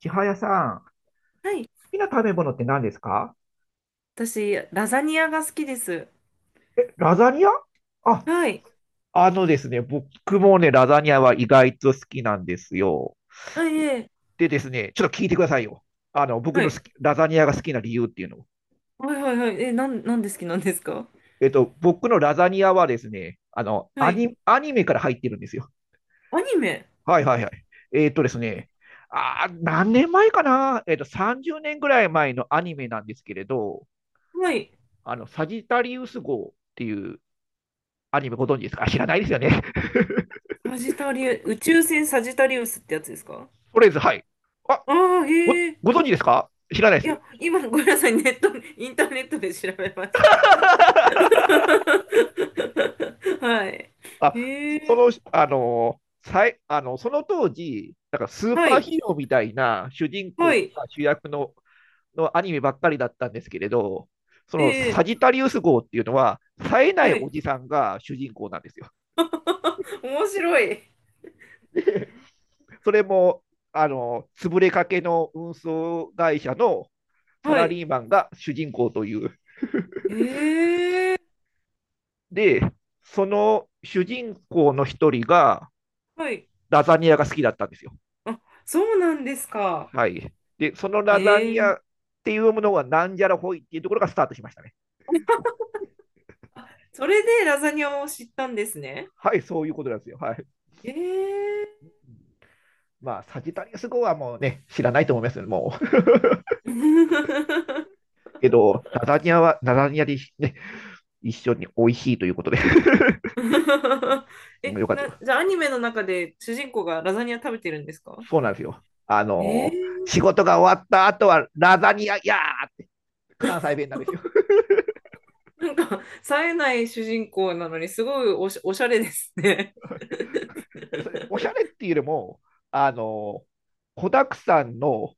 千早さん、好はい。きな食べ物って何ですか？私、ラザニアが好きです。ラザニア。あ、はい。あのですね、僕もね、ラザニアは意外と好きなんですよ。あ、いえ、でですね、ちょっと聞いてくださいよ。僕はのい。ラザニアが好きな理由っていうのを。はいはいはい。え、なんで好きなんですか？僕のラザニアはですね、はい。アニメから入ってるんですよ。アニメ。はいはいはい。えっとですね、何年前かな。30年ぐらい前のアニメなんですけれど、はい。サジタリウス号っていうアニメ、ご存知ですか？あ、知らないですよね。サジタリウ、宇宙船サジタリウスってやつですか？とりあえず、はい。あ、ああー、へえ。ご存知ですか？知らないいでや、す。今、ごめんなさい。ネット、インターネットで調べました。はい。あ、へえ。あのさい、その当時、なんかスーはパーい。ヒーローみたいな主人は公い。が主役の、アニメばっかりだったんですけれど、そのえサジえ。タリウス号っていうのは、冴えないはおい。じさんが主人公なんですよ。面白い。それも、潰れかけの運送会社のサはラい。リーマンが主人公という。へえ。で、その主人公の一人が、はい。ラザニアが好きだったんですよ。あ、そうなんですか。はい。で、そのラザニアえっえ。ていうものがなんじゃらほいっていうところがスタートしましたね。それでラザニアを知ったんですね。はい、そういうことなんですよ。はい。ええ。 まあ、サジタリアス号はもうね、知らないと思いますよね、もう。けど、ラザニアは、ラザニアでね、一緒に美味しいということで。え、よかったよ。じゃあアニメの中で主人公がラザニア食べてるんですか？そうなんですよ。ええ。仕事が終わった後はラザニアやーって、関西弁なんですよ。なんか、冴えない主人公なのにすごいおしゃれですね。でそれ おしゃれっていうよりも、あの、子だくさんの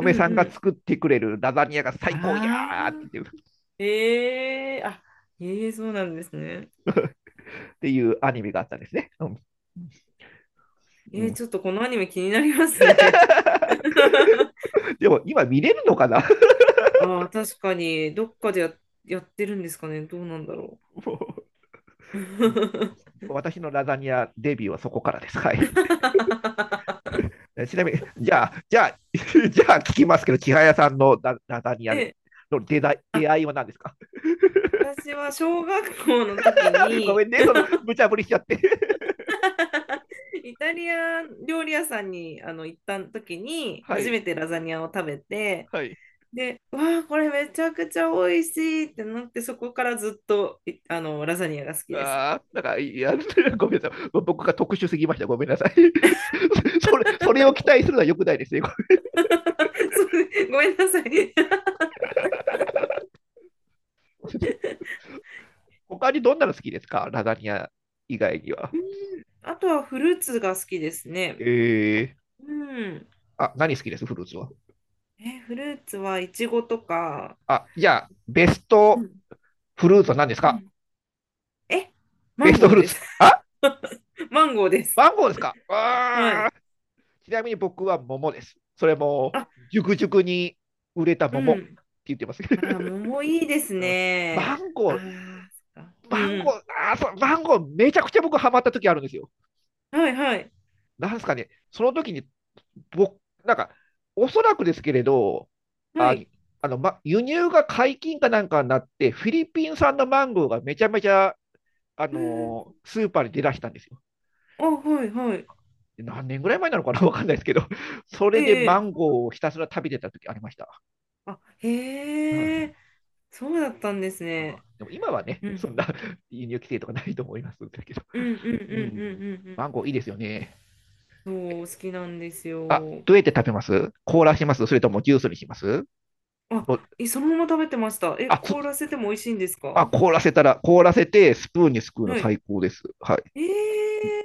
うんさんうがん。作ってくれるラザニアが最高やあーってあ、言ってるええ、あ、ええ、そうなんですね。っていうアニメがあったんですね。うんうええ、ん。 ちょっとこのアニメ気になりますね。でも今見れるのかな。 ああ、確かに、どっかでやってるんですかね。どうなんだろもう。う私のラザニアデビューはそこからです。はい。ちなみに、じゃあ、じゃあ、じゃあ聞きますけど、千早さんのララザニアでえ、のあ、出会いは何ですか？ 私は小学校の時 ごに、めんね、その無茶ぶりしちゃって。イタリア料理屋さんにあの行った時 に、は初い、めてラザニアを食べて、はい。で、わあ、これめちゃくちゃ美味しいってなって、そこからずっと、あの、ラザニアが好きです。ああ、なんか、いや、ごめんなさい。僕が特殊すぎました。ごめんなさい。それを期待するのは良くないですね。そう、ごめんなさい。他にどんなの好きですか？ラザニア以外には。あとはフルーツが好きですね。えー、うん。あ、何好きです？フルーツは。え、フルーツはイチゴとか、あ、じゃあ、ベスうトんフルーツは何ですうか？ん、え、マベンストゴフールーでツ。す。あ、 マンゴーです。マンゴーですか？はあい。ー、ちなみに僕は桃です。それも、あ、熟々に売れたう桃ってん。言ってます。あー、桃いいです うん。マね。ンあゴー、あ、そっか。マンうゴんー、あー、そうマンゴー、めちゃくちゃ僕ハマった時あるんですよ。うん。はいはい。なんですかね、その時に、僕、なんか、おそらくですけれど、はあ、い。ま、輸入が解禁かなんかになって、フィリピン産のマンゴーがめちゃめちゃ、うん、スーパーに出だしたんですよ。あ、はいはい。で何年ぐらい前なのかな、わかんないですけど、それでえマえ。ンええ、ゴーをひたすら食べてた時ありました。あ、うんうへえ。ん。そうだったんですね。でも今はね、うそんなん。輸入規制とかないと思いますけど、うんうんうんううん、んうマンゴーいいですよね。んうん。そう、好きなんですあ、よ。どうやって食べます？凍らします？それともジュースにします？あ、お、え、そのまま食べてました。え、あ、そ、凍らせても美味しいんですか？あ、凍らせたら、凍らせてスプーンにすくうのはい。最高です。はい。ええ。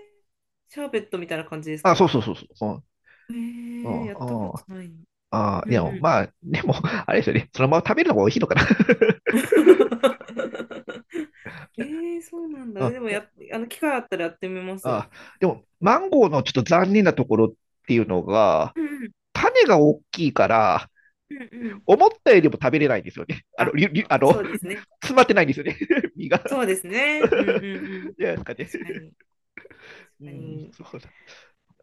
シャーベットみたいな感じですあ、そうか？そうそうそう。えうん、ー、やうったん、こうん。とないの？あうー、いんや、うん。まあ、でも、あれですよね。そのまま食べるのが美味しいのかな。えー、そうなんだ。うん、いでもや、あの、機会あったらやってみます。あー、でも、マンゴーのちょっと残念なところっていうのが、うん種が大きいから、うんうんうん。思ったよりも食べれないんですよね。あ、りゅりゅあのそうですね。詰まってないんですよね。身が。そうですね。うんうんうん。じゃないですかね。確かに。確うかん、に。そうだ。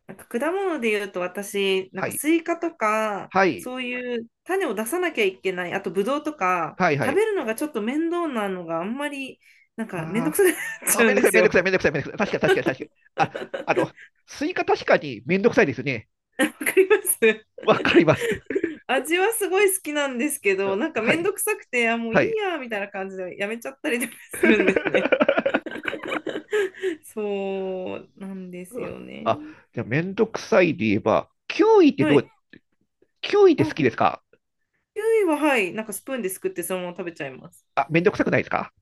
なんか果物で言うと私、なんはかい。スイカとか、はい。そういう種を出さなきゃいけない、あとブドウとか、はいは食い。べるのがちょっと面倒なのがあんまり、なんか面倒くあさくなっーちあ、ゃうめんんどくでさい、すめんどくさい、よ。めんどくさい、めんどくさい。確かに、確かに、確かに。あ、スイカ確かにめんどくさいですよね。わかります。 わかります。味はすごい好きなんですけど、あ、なんかはめんい、どくさくて、あ、もうはいいい。や、みたいな感じでやめちゃったりとかするんですね。そうなんですよね。あ、じゃあ、めんどくさいで言えば、はい。キウイってあ、好きですか？キウイは、はい。なんかスプーンですくってそのまま食べちゃいます。あ、めんどくさくないですか？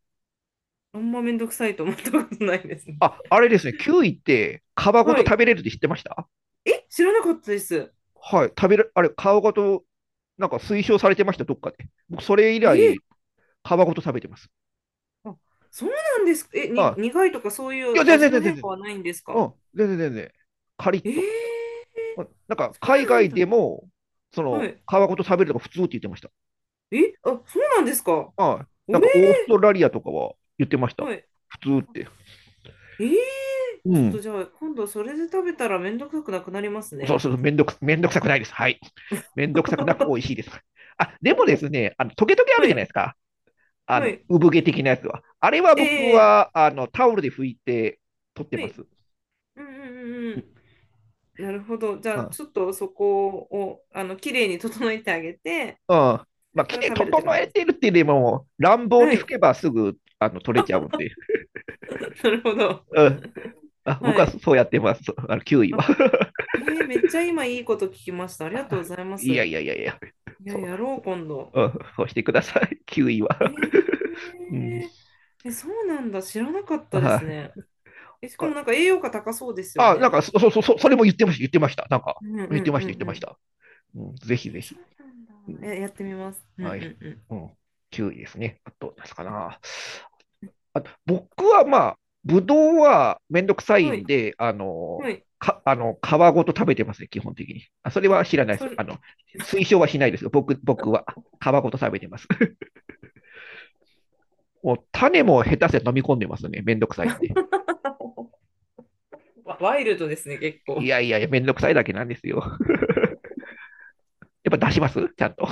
あんまめんどくさいと思ったことないですね。あ、あれですね、キウイって皮ごはとい。食べれるって知ってました？え、知らなかったです。はい、食べる、あれ、皮ごと、なんか推奨されてました、どっかで。僕、それ以えー、来、皮ごと食べてます。あ、そうなんですか。え、あ、苦いとかそういいや、う全味然、の全然、変全化然、はないんですうか？ん、全然全然、カリッえと。ー、うん、なんか、そ海うなん外だ。でも、そはの、い。皮ごと食べるのが普通って言ってました。え、あ、そうなんですか。はい。おなんえ、か、オーストラリアとかは言ってました。はい。普通って。えー、うちょっとん。じゃあ、今度それで食べたらめんどくさくなくなりますそうね。そうそう、めんどくさくないです。はい。めんどくさくなく美味しいです。あ、でもですね、トゲトゲあるはじゃないい、ですか。はい。産毛的なやつは。あれは僕ええ、は、タオルで拭いて取ってはまい。す。うんうんうんううん。なるほど。じゃん。うあ、ん。ちょっとそこを、あの、綺麗に整えてあげて、そまれあ、か着らて食べるって整感じえです。てるっていうよりも、乱暴はに拭い。けばすぐ、取れちゃうんで。なるほど。うん。あ、僕ははい。そうやってます。9位は。あ、えー、めっちゃ今いいこと聞きました。ありがとうご ざいまいやす。いやいやいや。いや、そやろう、今度。う。うん、そうしてください。9位は。えー、うん。え、そうなんだ。知らなかっはたですね。い。え、しかもなんか栄養価高そうですよあ、なんね。か、そう、それも言ってました、言ってました。なんか、うんうんう言ってました、言っんてまうしん。た。うん、えぜひぜー、そひ。うなんだ。うん、え、やってみます。うんうはい。んううん。9位ですね。あと、ですかな。あと、僕はまあ、ぶどうはめんどくさん。いはんい、で、はい。か、あの、皮ごと食べてますね、基本的に。あ、それあ、は知らないでそす。れ、推奨はしないですよ。僕は皮ごと食べてます。もう種も下手して飲み込んでますね。めんどくさいんで。ワイルドですね、結い構。やいやいや、めんどくさいだけなんですよ。やっぱ出しますちゃんと。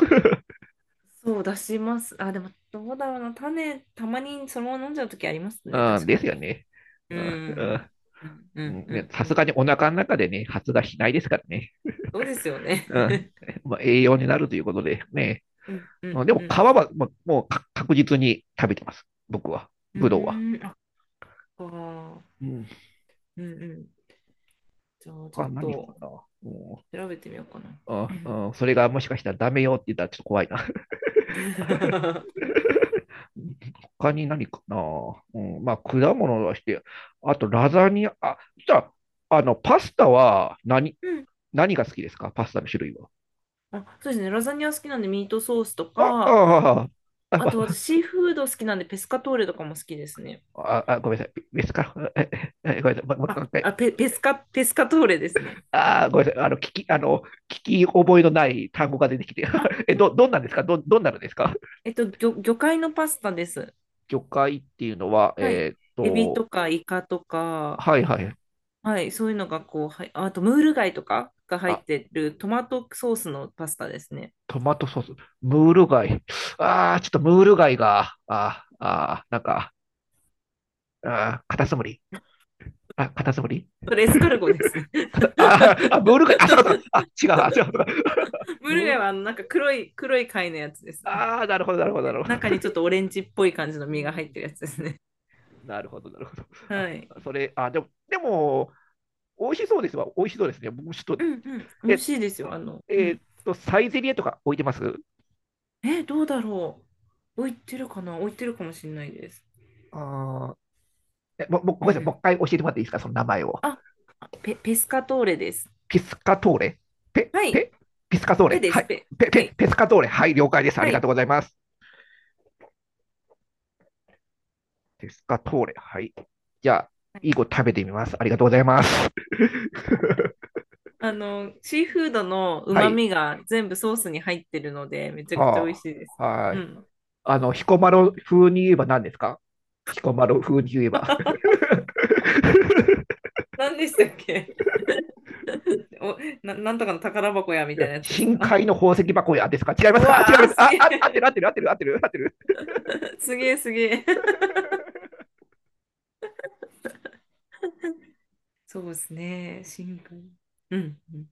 そう、出します。あ、でも、どうだろうな。種、たまにそのまま飲んじゃうときあります ね、うん、確でかすよに。ね。ううんうん。ん。うんうんうね、んさうすがん。にお腹の中でね、発芽しないですからね。そうですよね。うん、まあ、栄養になるということでね。うんうんでうも皮ん。は、まあもう確実に食べてます。僕は。うブドウは。ーん、あ、そっか。うん。うんうん。じゃあ、ちょ他っ何かとな。うん。調べてみようかな。うあん。 あ、それがもしかしたらダメよって言ったらちょっと怖いな。他に何かな、うん、まあ、果物だして、あとラザニア、あ、じゃあ、パスタは何、うん、何が好きですか？パスタの種類は。あ、そうですね。ラザニア好きなんでミートソースとあ、か、あ、あとあ、私シーフード好きなんでペスカトーレとかも好きですね。あ、あ、あ、ごめんなさい。別か。ええ、ごめんなさい。あ、もう一回。あ、ペスカトーレですね。あ、ごめんなさい。聞き覚えのない単語が出てきて。あ、え、どんなんですか？どんなのですか？えっと、魚介のパスタです。魚介っていうのは、はい。エビとかイカとか、はいはい。はい、そういうのがこう、はい、あとムール貝とかが入あ、ってるトマトソースのパスタですね。トマトソース、ムール貝。ああ、ちょっとムール貝が、あーあー、なんか、あー、カタツムリ。あ、カタツムリ。 それ エスカルゴですね。カタあーあ、ムール貝。あ、そうかそうか。あ、違う、あ、違う。ムールムー貝ル、はあのなんか黒い貝のやつです。ああ、なるほど、なるほど、なでるほど。中にちょ っとオレンジっぽい感じのう身が入っん、てるやつですね。なるほど、なるほど。あ、はい。それ、あ、でも、でも、美味しそうですわ。美味しそうですね。もうちょっと、うんうん。美味しえ、いですよ。あの、うん。サイゼリエとか置いてます？え、どうだろう。置いてるかな？置いてるかもしれないです。あー、え、も、ごうめんなさい。もうん。一回教えてもらっていいですか、その名前を。あ、ペスカトーレです。ピスカトーレ。ペ、はい。ペ、ピスカトーペレ。ではす、い。ペ。はい。ペスカトーレ。はい、了解です。あはりがい。とうございます。ペスカトーレ。はい。じゃあ、いい子食べてみます。ありがとうございます。あの、シーフードのは旨い。味が全部ソースに入ってるので、めちゃくちゃ美味はしいです。あ。はうい。ん。彦摩呂風に言えば何ですか？彦摩呂風に言えば。何でしたっけ？ お、なんとかの宝箱やみたいなやつです深か？ 海の 宝石箱やですか？違いまうすか？あ、違いわます。ー、すあ、げあ、合ってえ。る合ってる合ってる合ってる合ってる。すげえ、すげえ。そうですね。シンプル。うん。うん